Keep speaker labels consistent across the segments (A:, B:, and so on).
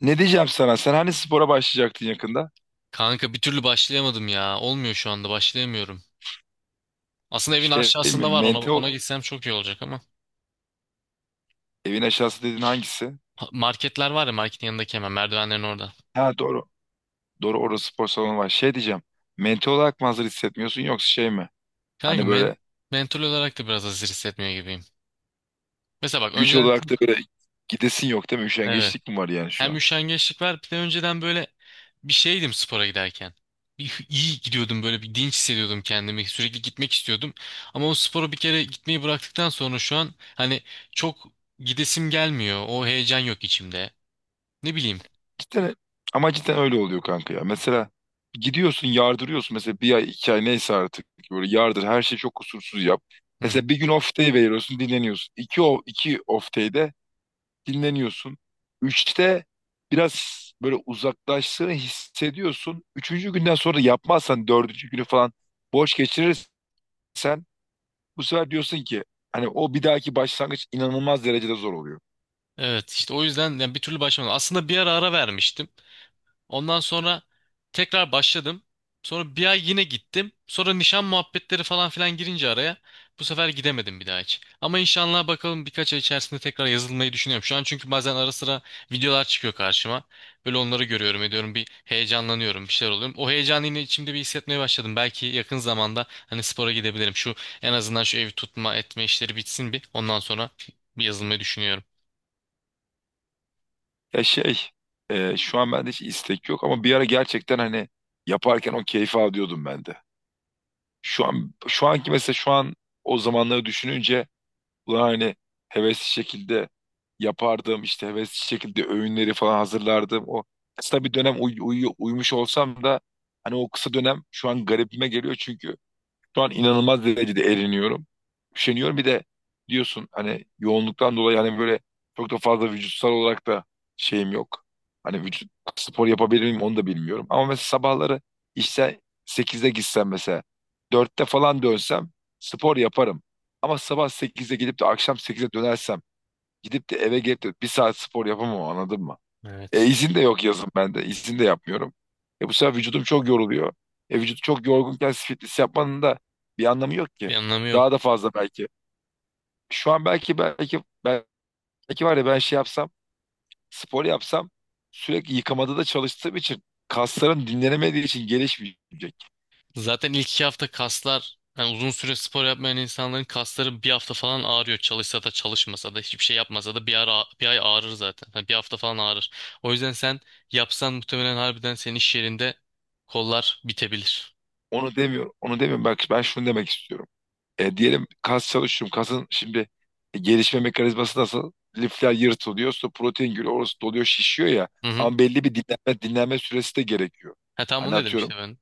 A: Ne diyeceğim sana? Sen hani spora başlayacaktın yakında?
B: Kanka bir türlü başlayamadım ya. Olmuyor şu anda başlayamıyorum. Aslında evin
A: Şey mi?
B: aşağısında var ona
A: Mental
B: ona gitsem çok iyi olacak ama.
A: evin aşağısı dediğin hangisi?
B: Marketler var ya marketin yanındaki hemen merdivenlerin orada.
A: Ha doğru. Doğru orada spor salonu var. Şey diyeceğim. Mental olarak mı hazır hissetmiyorsun yoksa şey mi?
B: Kanka
A: Hani böyle
B: mental olarak da biraz hazır hissetmiyor gibiyim. Mesela bak
A: güç
B: önceden
A: olarak da
B: çok
A: böyle gidesin yok değil mi?
B: evet
A: Üşengeçlik mi var yani şu
B: hem
A: an?
B: üşengeçlik var, bir de önceden böyle bir şeydim spora giderken. Bir, iyi gidiyordum, böyle bir dinç hissediyordum kendimi, sürekli gitmek istiyordum. Ama o spora bir kere gitmeyi bıraktıktan sonra şu an hani çok gidesim gelmiyor, o heyecan yok içimde. Ne bileyim.
A: Cidden, ama cidden öyle oluyor kanka ya. Mesela gidiyorsun yardırıyorsun. Mesela bir ay 2 ay neyse artık. Böyle yardır her şeyi çok kusursuz yap. Mesela bir gün off day veriyorsun dinleniyorsun. İki off day'de dinleniyorsun. Üçte biraz böyle uzaklaştığını hissediyorsun. Üçüncü günden sonra yapmazsan dördüncü günü falan boş geçirirsen bu sefer diyorsun ki hani o bir dahaki başlangıç inanılmaz derecede zor oluyor.
B: Evet, işte o yüzden yani bir türlü başlamadım. Aslında bir ara ara vermiştim. Ondan sonra tekrar başladım. Sonra bir ay yine gittim. Sonra nişan muhabbetleri falan filan girince araya bu sefer gidemedim bir daha hiç. Ama inşallah bakalım birkaç ay içerisinde tekrar yazılmayı düşünüyorum. Şu an çünkü bazen ara sıra videolar çıkıyor karşıma. Böyle onları görüyorum ediyorum, bir heyecanlanıyorum, bir şeyler oluyorum. O heyecanı yine içimde bir hissetmeye başladım. Belki yakın zamanda hani spora gidebilirim. Şu en azından şu evi tutma etme işleri bitsin bir. Ondan sonra bir yazılmayı düşünüyorum.
A: Ya şey şu an bende hiç istek yok ama bir ara gerçekten hani yaparken o keyfi alıyordum ben de. Şu an şu anki mesela şu an o zamanları düşününce ulan hani hevesli şekilde yapardım işte hevesli şekilde öğünleri falan hazırlardım. O kısa bir dönem uyumuş olsam da hani o kısa dönem şu an garibime geliyor çünkü şu an inanılmaz derecede eriniyorum. Üşeniyorum. Bir de diyorsun hani yoğunluktan dolayı hani böyle çok da fazla vücutsal olarak da şeyim yok. Hani vücut spor yapabilir miyim onu da bilmiyorum. Ama mesela sabahları işte 8'de gitsem mesela 4'te falan dönsem spor yaparım. Ama sabah sekizde gidip de akşam 8'de dönersem gidip de eve gelip de bir saat spor yapamam anladın mı?
B: Evet.
A: İzin de yok yazın bende. İzin de yapmıyorum. Bu sefer vücudum çok yoruluyor. Vücut çok yorgunken fitness yapmanın da bir anlamı yok ki.
B: Bir anlamı yok.
A: Daha da fazla belki. Şu an belki var ya ben şey yapsam, spor yapsam sürekli yıkamada da çalıştığım için kaslarım dinlenemediği için gelişmeyecek.
B: Zaten ilk 2 hafta kaslar, yani uzun süre spor yapmayan insanların kasları bir hafta falan ağrıyor. Çalışsa da çalışmasa da hiçbir şey yapmasa da bir ara, bir ay ağrır zaten. Yani bir hafta falan ağrır. O yüzden sen yapsan muhtemelen harbiden senin iş yerinde kollar bitebilir.
A: Onu demiyorum. Onu demiyorum. Bak ben şunu demek istiyorum. Diyelim kas çalışıyorum. Kasın şimdi gelişme mekanizması nasıl? Lifler yırtılıyor. Sonra protein giriyor. Orası doluyor, şişiyor ya.
B: Hı hı.
A: Ama belli bir dinlenme süresi de gerekiyor.
B: Ha tamam,
A: Hani
B: onu dedim
A: atıyorum.
B: işte ben.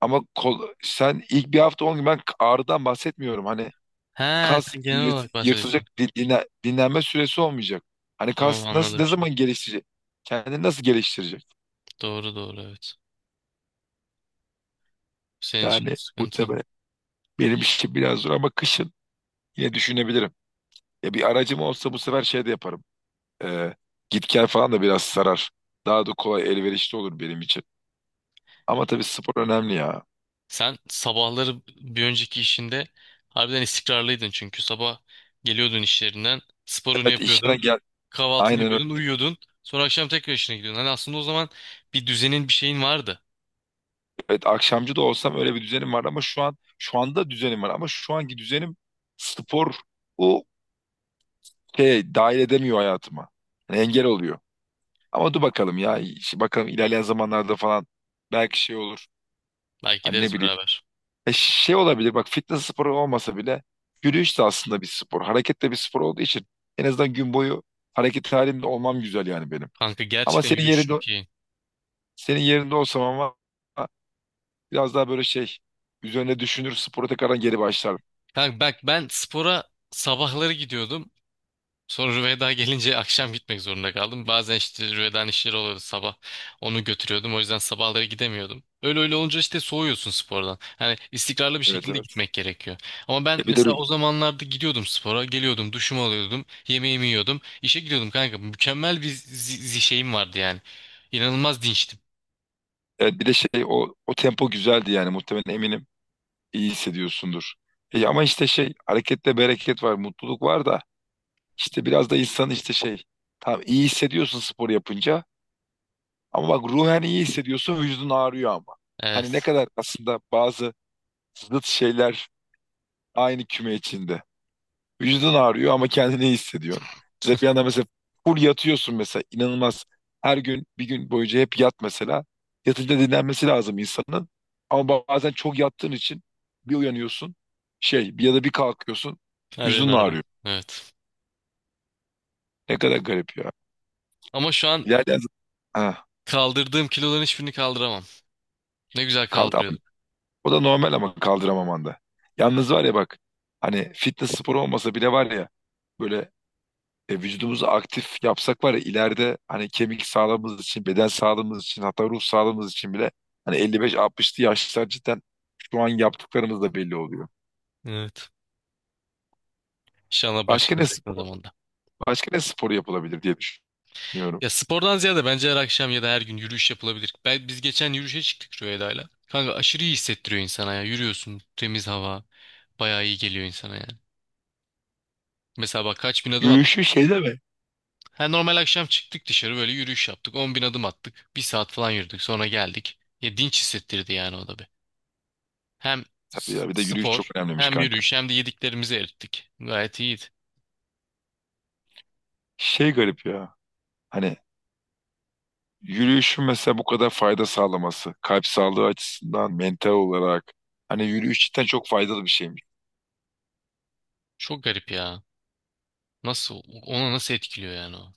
A: Ama kol, sen ilk bir hafta 10 gün ben ağrıdan bahsetmiyorum. Hani
B: Ha,
A: kas
B: sen genel
A: yırt-
B: olarak bahsediyorsun.
A: yırtılacak dinlenme süresi olmayacak. Hani
B: Tamam,
A: kas nasıl
B: anladım
A: ne
B: şimdi.
A: zaman geliştirecek? Kendini nasıl geliştirecek?
B: Doğru doğru, evet. Senin için de
A: Yani bu
B: sıkıntı.
A: tabii benim işim biraz zor ama kışın yine düşünebilirim. Ya bir aracım olsa bu sefer şey de yaparım. Ee, Git gel falan da biraz sarar. Daha da kolay elverişli olur benim için. Ama tabii spor önemli ya.
B: Sen sabahları bir önceki işinde harbiden istikrarlıydın, çünkü sabah geliyordun işlerinden, sporunu
A: Evet işten
B: yapıyordun,
A: gel.
B: kahvaltını
A: Aynen öyle.
B: yapıyordun, uyuyordun. Sonra akşam tekrar işine gidiyordun. Hani aslında o zaman bir düzenin, bir şeyin vardı.
A: Evet akşamcı da olsam öyle bir düzenim var ama şu an şu anda düzenim var ama şu anki düzenim spor o şey dahil edemiyor hayatıma. Yani engel oluyor. Ama dur bakalım ya. İşte bakalım ilerleyen zamanlarda falan belki şey olur.
B: Belki
A: Hani ne
B: gideriz
A: bileyim.
B: beraber.
A: Şey olabilir, bak, fitness sporu olmasa bile yürüyüş de aslında bir spor. Hareket de bir spor olduğu için en azından gün boyu hareket halinde olmam güzel yani benim.
B: Kanka,
A: Ama
B: gerçekten
A: senin
B: yürüyüş
A: yerinde
B: çok iyi.
A: senin yerinde olsam ama biraz daha böyle şey üzerine düşünür spora tekrardan geri başlardım.
B: Kanka bak, ben spora sabahları gidiyordum. Sonra Rüveyda gelince akşam gitmek zorunda kaldım. Bazen işte Rüveyda'nın işleri oluyordu sabah. Onu götürüyordum. O yüzden sabahları gidemiyordum. Öyle öyle olunca işte soğuyorsun spordan. Hani istikrarlı bir
A: Evet
B: şekilde
A: evet.
B: gitmek gerekiyor. Ama ben
A: Bir
B: mesela
A: de
B: o zamanlarda gidiyordum spora. Geliyordum, duşumu alıyordum, yemeğimi yiyordum, işe gidiyordum kanka. Mükemmel bir şeyim vardı yani. İnanılmaz dinçtim.
A: evet, bir de şey o tempo güzeldi yani muhtemelen eminim iyi hissediyorsundur. Ama işte şey harekette bereket var, mutluluk var da işte biraz da insan işte şey tam iyi hissediyorsun spor yapınca. Ama bak ruhen iyi hissediyorsun, vücudun ağrıyor ama. Hani ne
B: Evet.
A: kadar aslında bazı zıt şeyler aynı küme içinde. Vücudun ağrıyor ama kendini iyi hissediyorsun. Ya da bir anda mesela full yatıyorsun mesela inanılmaz. Her gün bir gün boyunca hep yat mesela. Yatınca dinlenmesi lazım insanın. Ama bazen çok yattığın için bir uyanıyorsun şey bir ya da bir kalkıyorsun
B: Harbiden
A: vücudun
B: harbiden.
A: ağrıyor.
B: Evet.
A: Ne kadar garip ya.
B: Ama şu an
A: Ha,
B: kaldırdığım kiloların hiçbirini kaldıramam. Ne güzel
A: kaldı
B: kaldırıyordum.
A: o da normal ama kaldıramamanda. Yalnız var ya bak hani fitness sporu olmasa bile var ya böyle vücudumuzu aktif yapsak var ya ileride hani kemik sağlığımız için, beden sağlığımız için hatta ruh sağlığımız için bile hani 55-60'lı yaşlar cidden şu an yaptıklarımız da belli oluyor.
B: Evet. İnşallah
A: Başka ne
B: başarırız yakın
A: sp-
B: zamanda.
A: başka ne sporu yapılabilir diye düşünüyorum.
B: Ya spordan ziyade bence her akşam ya da her gün yürüyüş yapılabilir. Ben, biz geçen yürüyüşe çıktık Rüyayda'yla. Kanka aşırı iyi hissettiriyor insana ya. Yürüyorsun, temiz hava. Bayağı iyi geliyor insana yani. Mesela bak kaç bin adım
A: Yürüyüşü
B: atmıştık.
A: şey de mi?
B: Ha, normal akşam çıktık dışarı, böyle yürüyüş yaptık. 10.000 adım attık. Bir saat falan yürüdük, sonra geldik. Ya dinç hissettirdi yani, o da bir. Hem
A: Tabii ya bir de yürüyüş çok
B: spor,
A: önemliymiş
B: hem
A: kanka.
B: yürüyüş, hem de yediklerimizi erittik. Gayet iyiydi.
A: Şey garip ya. Hani yürüyüşün mesela bu kadar fayda sağlaması, kalp sağlığı açısından, mental olarak. Hani yürüyüş cidden çok faydalı bir şeymiş.
B: Çok garip ya. Nasıl, onu nasıl etkiliyor yani o?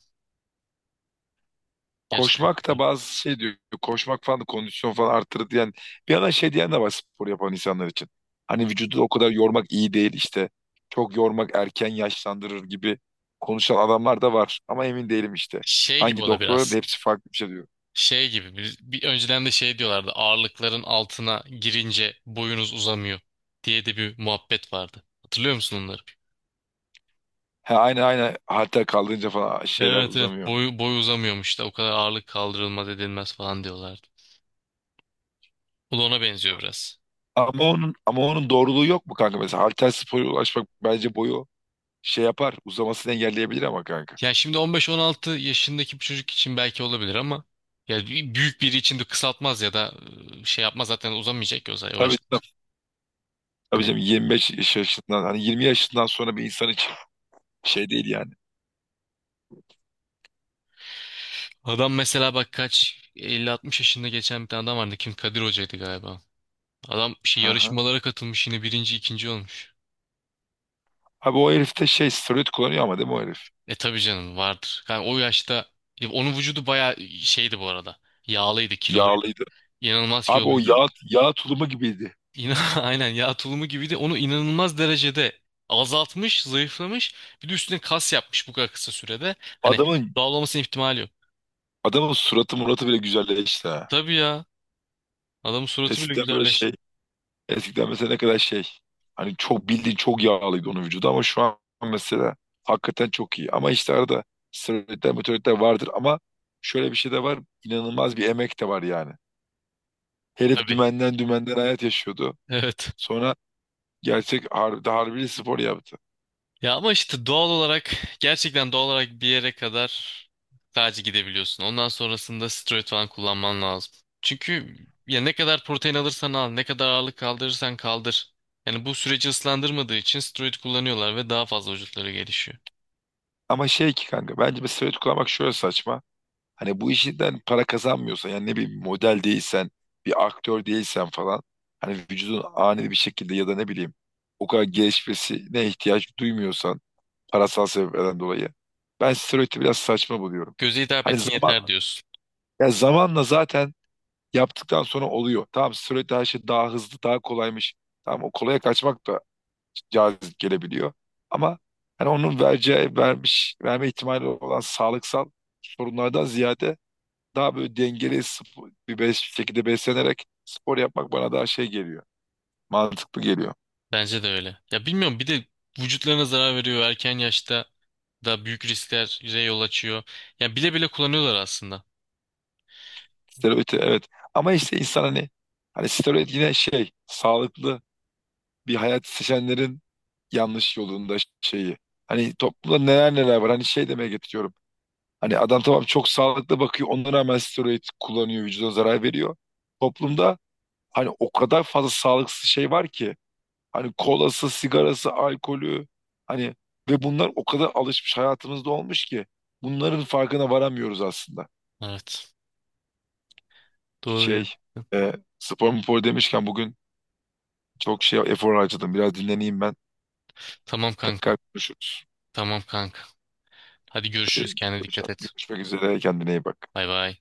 B: Gerçekten çok
A: Koşmak da
B: garip.
A: bazı şey diyor, koşmak falan da kondisyon falan arttırır diyen, bir yandan şey diyen de var spor yapan insanlar için. Hani vücudu o kadar yormak iyi değil işte, çok yormak erken yaşlandırır gibi konuşan adamlar da var. Ama emin değilim işte.
B: Şey gibi
A: Hangi
B: o da
A: doktorların da
B: biraz.
A: hepsi farklı bir şey diyor.
B: Şey gibi bir, önceden de şey diyorlardı, ağırlıkların altına girince boyunuz uzamıyor diye de bir muhabbet vardı. Hatırlıyor musun onları?
A: Ha, aynı aynı halter kaldırınca falan şeyler
B: Evet evet,
A: uzamıyor.
B: boy uzamıyormuş da, o kadar ağırlık kaldırılmaz edilmez falan diyorlardı. Bu da ona benziyor biraz.
A: Ama onun doğruluğu yok mu kanka? Mesela Halterspor'a ulaşmak bence boyu şey yapar, uzamasını engelleyebilir ama kanka.
B: Yani şimdi 15-16 yaşındaki bir çocuk için belki olabilir ama ya büyük biri için de kısaltmaz ya da şey yapmaz, zaten uzamayacak ki o zaman yavaş.
A: Tabii tabii, tabii
B: Hani
A: canım 25 yaşından hani 20 yaşından sonra bir insan için şey değil yani.
B: adam, mesela bak kaç, 50-60 yaşında geçen bir tane adam vardı, kim, Kadir Hoca'ydı galiba. Adam şey,
A: Hı hı.
B: yarışmalara katılmış, yine birinci ikinci olmuş.
A: Abi o herif de şey steroid kullanıyor ama değil mi o herif?
B: E tabii canım, vardır. Yani o yaşta ya onun vücudu bayağı şeydi bu arada. Yağlıydı, kiloluydu.
A: Yağlıydı.
B: İnanılmaz
A: Abi o
B: kiloluydu.
A: yağ tulumu gibiydi.
B: İna aynen yağ tulumu gibiydi. Onu inanılmaz derecede azaltmış, zayıflamış. Bir de üstüne kas yapmış bu kadar kısa sürede. Hani
A: Adamın
B: dağılmasının ihtimali yok.
A: adamın suratı muratı bile güzelleşti ha.
B: Tabii ya. Adamın suratı bile
A: Eskiden böyle şey
B: güzelleşti.
A: Eskiden mesela ne kadar şey hani çok bildiğin çok yağlıydı onun vücudu ama şu an mesela hakikaten çok iyi. Ama işte arada steroidler meteoritler vardır ama şöyle bir şey de var inanılmaz bir emek de var yani. Herif
B: Tabii.
A: dümenden dümenden hayat yaşıyordu.
B: Evet.
A: Sonra gerçek harbi, spor yaptı.
B: Ya ama işte doğal olarak, gerçekten doğal olarak bir yere kadar sadece gidebiliyorsun. Ondan sonrasında steroid falan kullanman lazım. Çünkü ya ne kadar protein alırsan al, ne kadar ağırlık kaldırırsan kaldır. Yani bu süreci ıslandırmadığı için steroid kullanıyorlar ve daha fazla vücutları gelişiyor.
A: Ama şey ki kanka bence bir steroid kullanmak şöyle saçma. Hani bu işinden para kazanmıyorsan yani ne bileyim model değilsen bir aktör değilsen falan hani vücudun ani bir şekilde ya da ne bileyim o kadar gelişmesine ihtiyaç duymuyorsan parasal sebeplerden dolayı ben steroidi biraz saçma buluyorum.
B: Göze hitap
A: Hani
B: etsin yeter diyorsun.
A: ya zamanla zaten yaptıktan sonra oluyor. Tamam steroid her şey daha hızlı daha kolaymış. Tamam o kolaya kaçmak da cazip gelebiliyor. Ama hani onun vereceği vermiş verme ihtimali olan sağlıksal sorunlardan ziyade daha böyle dengeli bir beş şekilde beslenerek spor yapmak bana daha şey geliyor. Mantıklı geliyor.
B: Bence de öyle. Ya bilmiyorum, bir de vücutlarına zarar veriyor, erken yaşta da büyük risklere yol açıyor. Ya bile bile kullanıyorlar aslında.
A: Steroid evet. Ama işte insan hani steroid yine şey sağlıklı bir hayat seçenlerin yanlış yolunda şeyi. Hani toplumda neler neler var. Hani şey demeye getiriyorum. Hani adam tamam çok sağlıklı bakıyor. Ona rağmen steroid kullanıyor. Vücuda zarar veriyor. Toplumda hani o kadar fazla sağlıksız şey var ki. Hani kolası, sigarası, alkolü hani ve bunlar o kadar alışmış hayatımızda olmuş ki bunların farkına varamıyoruz aslında.
B: Evet. Doğru,
A: Şey,
B: gerçekten.
A: e, spor spor demişken bugün çok şey efor harcadım. Biraz dinleneyim ben.
B: Tamam kanka.
A: Tekrar konuşuruz.
B: Tamam kanka. Hadi görüşürüz.
A: Hadi
B: Kendine dikkat et.
A: görüşmek üzere. Kendine iyi bak.
B: Bay bay.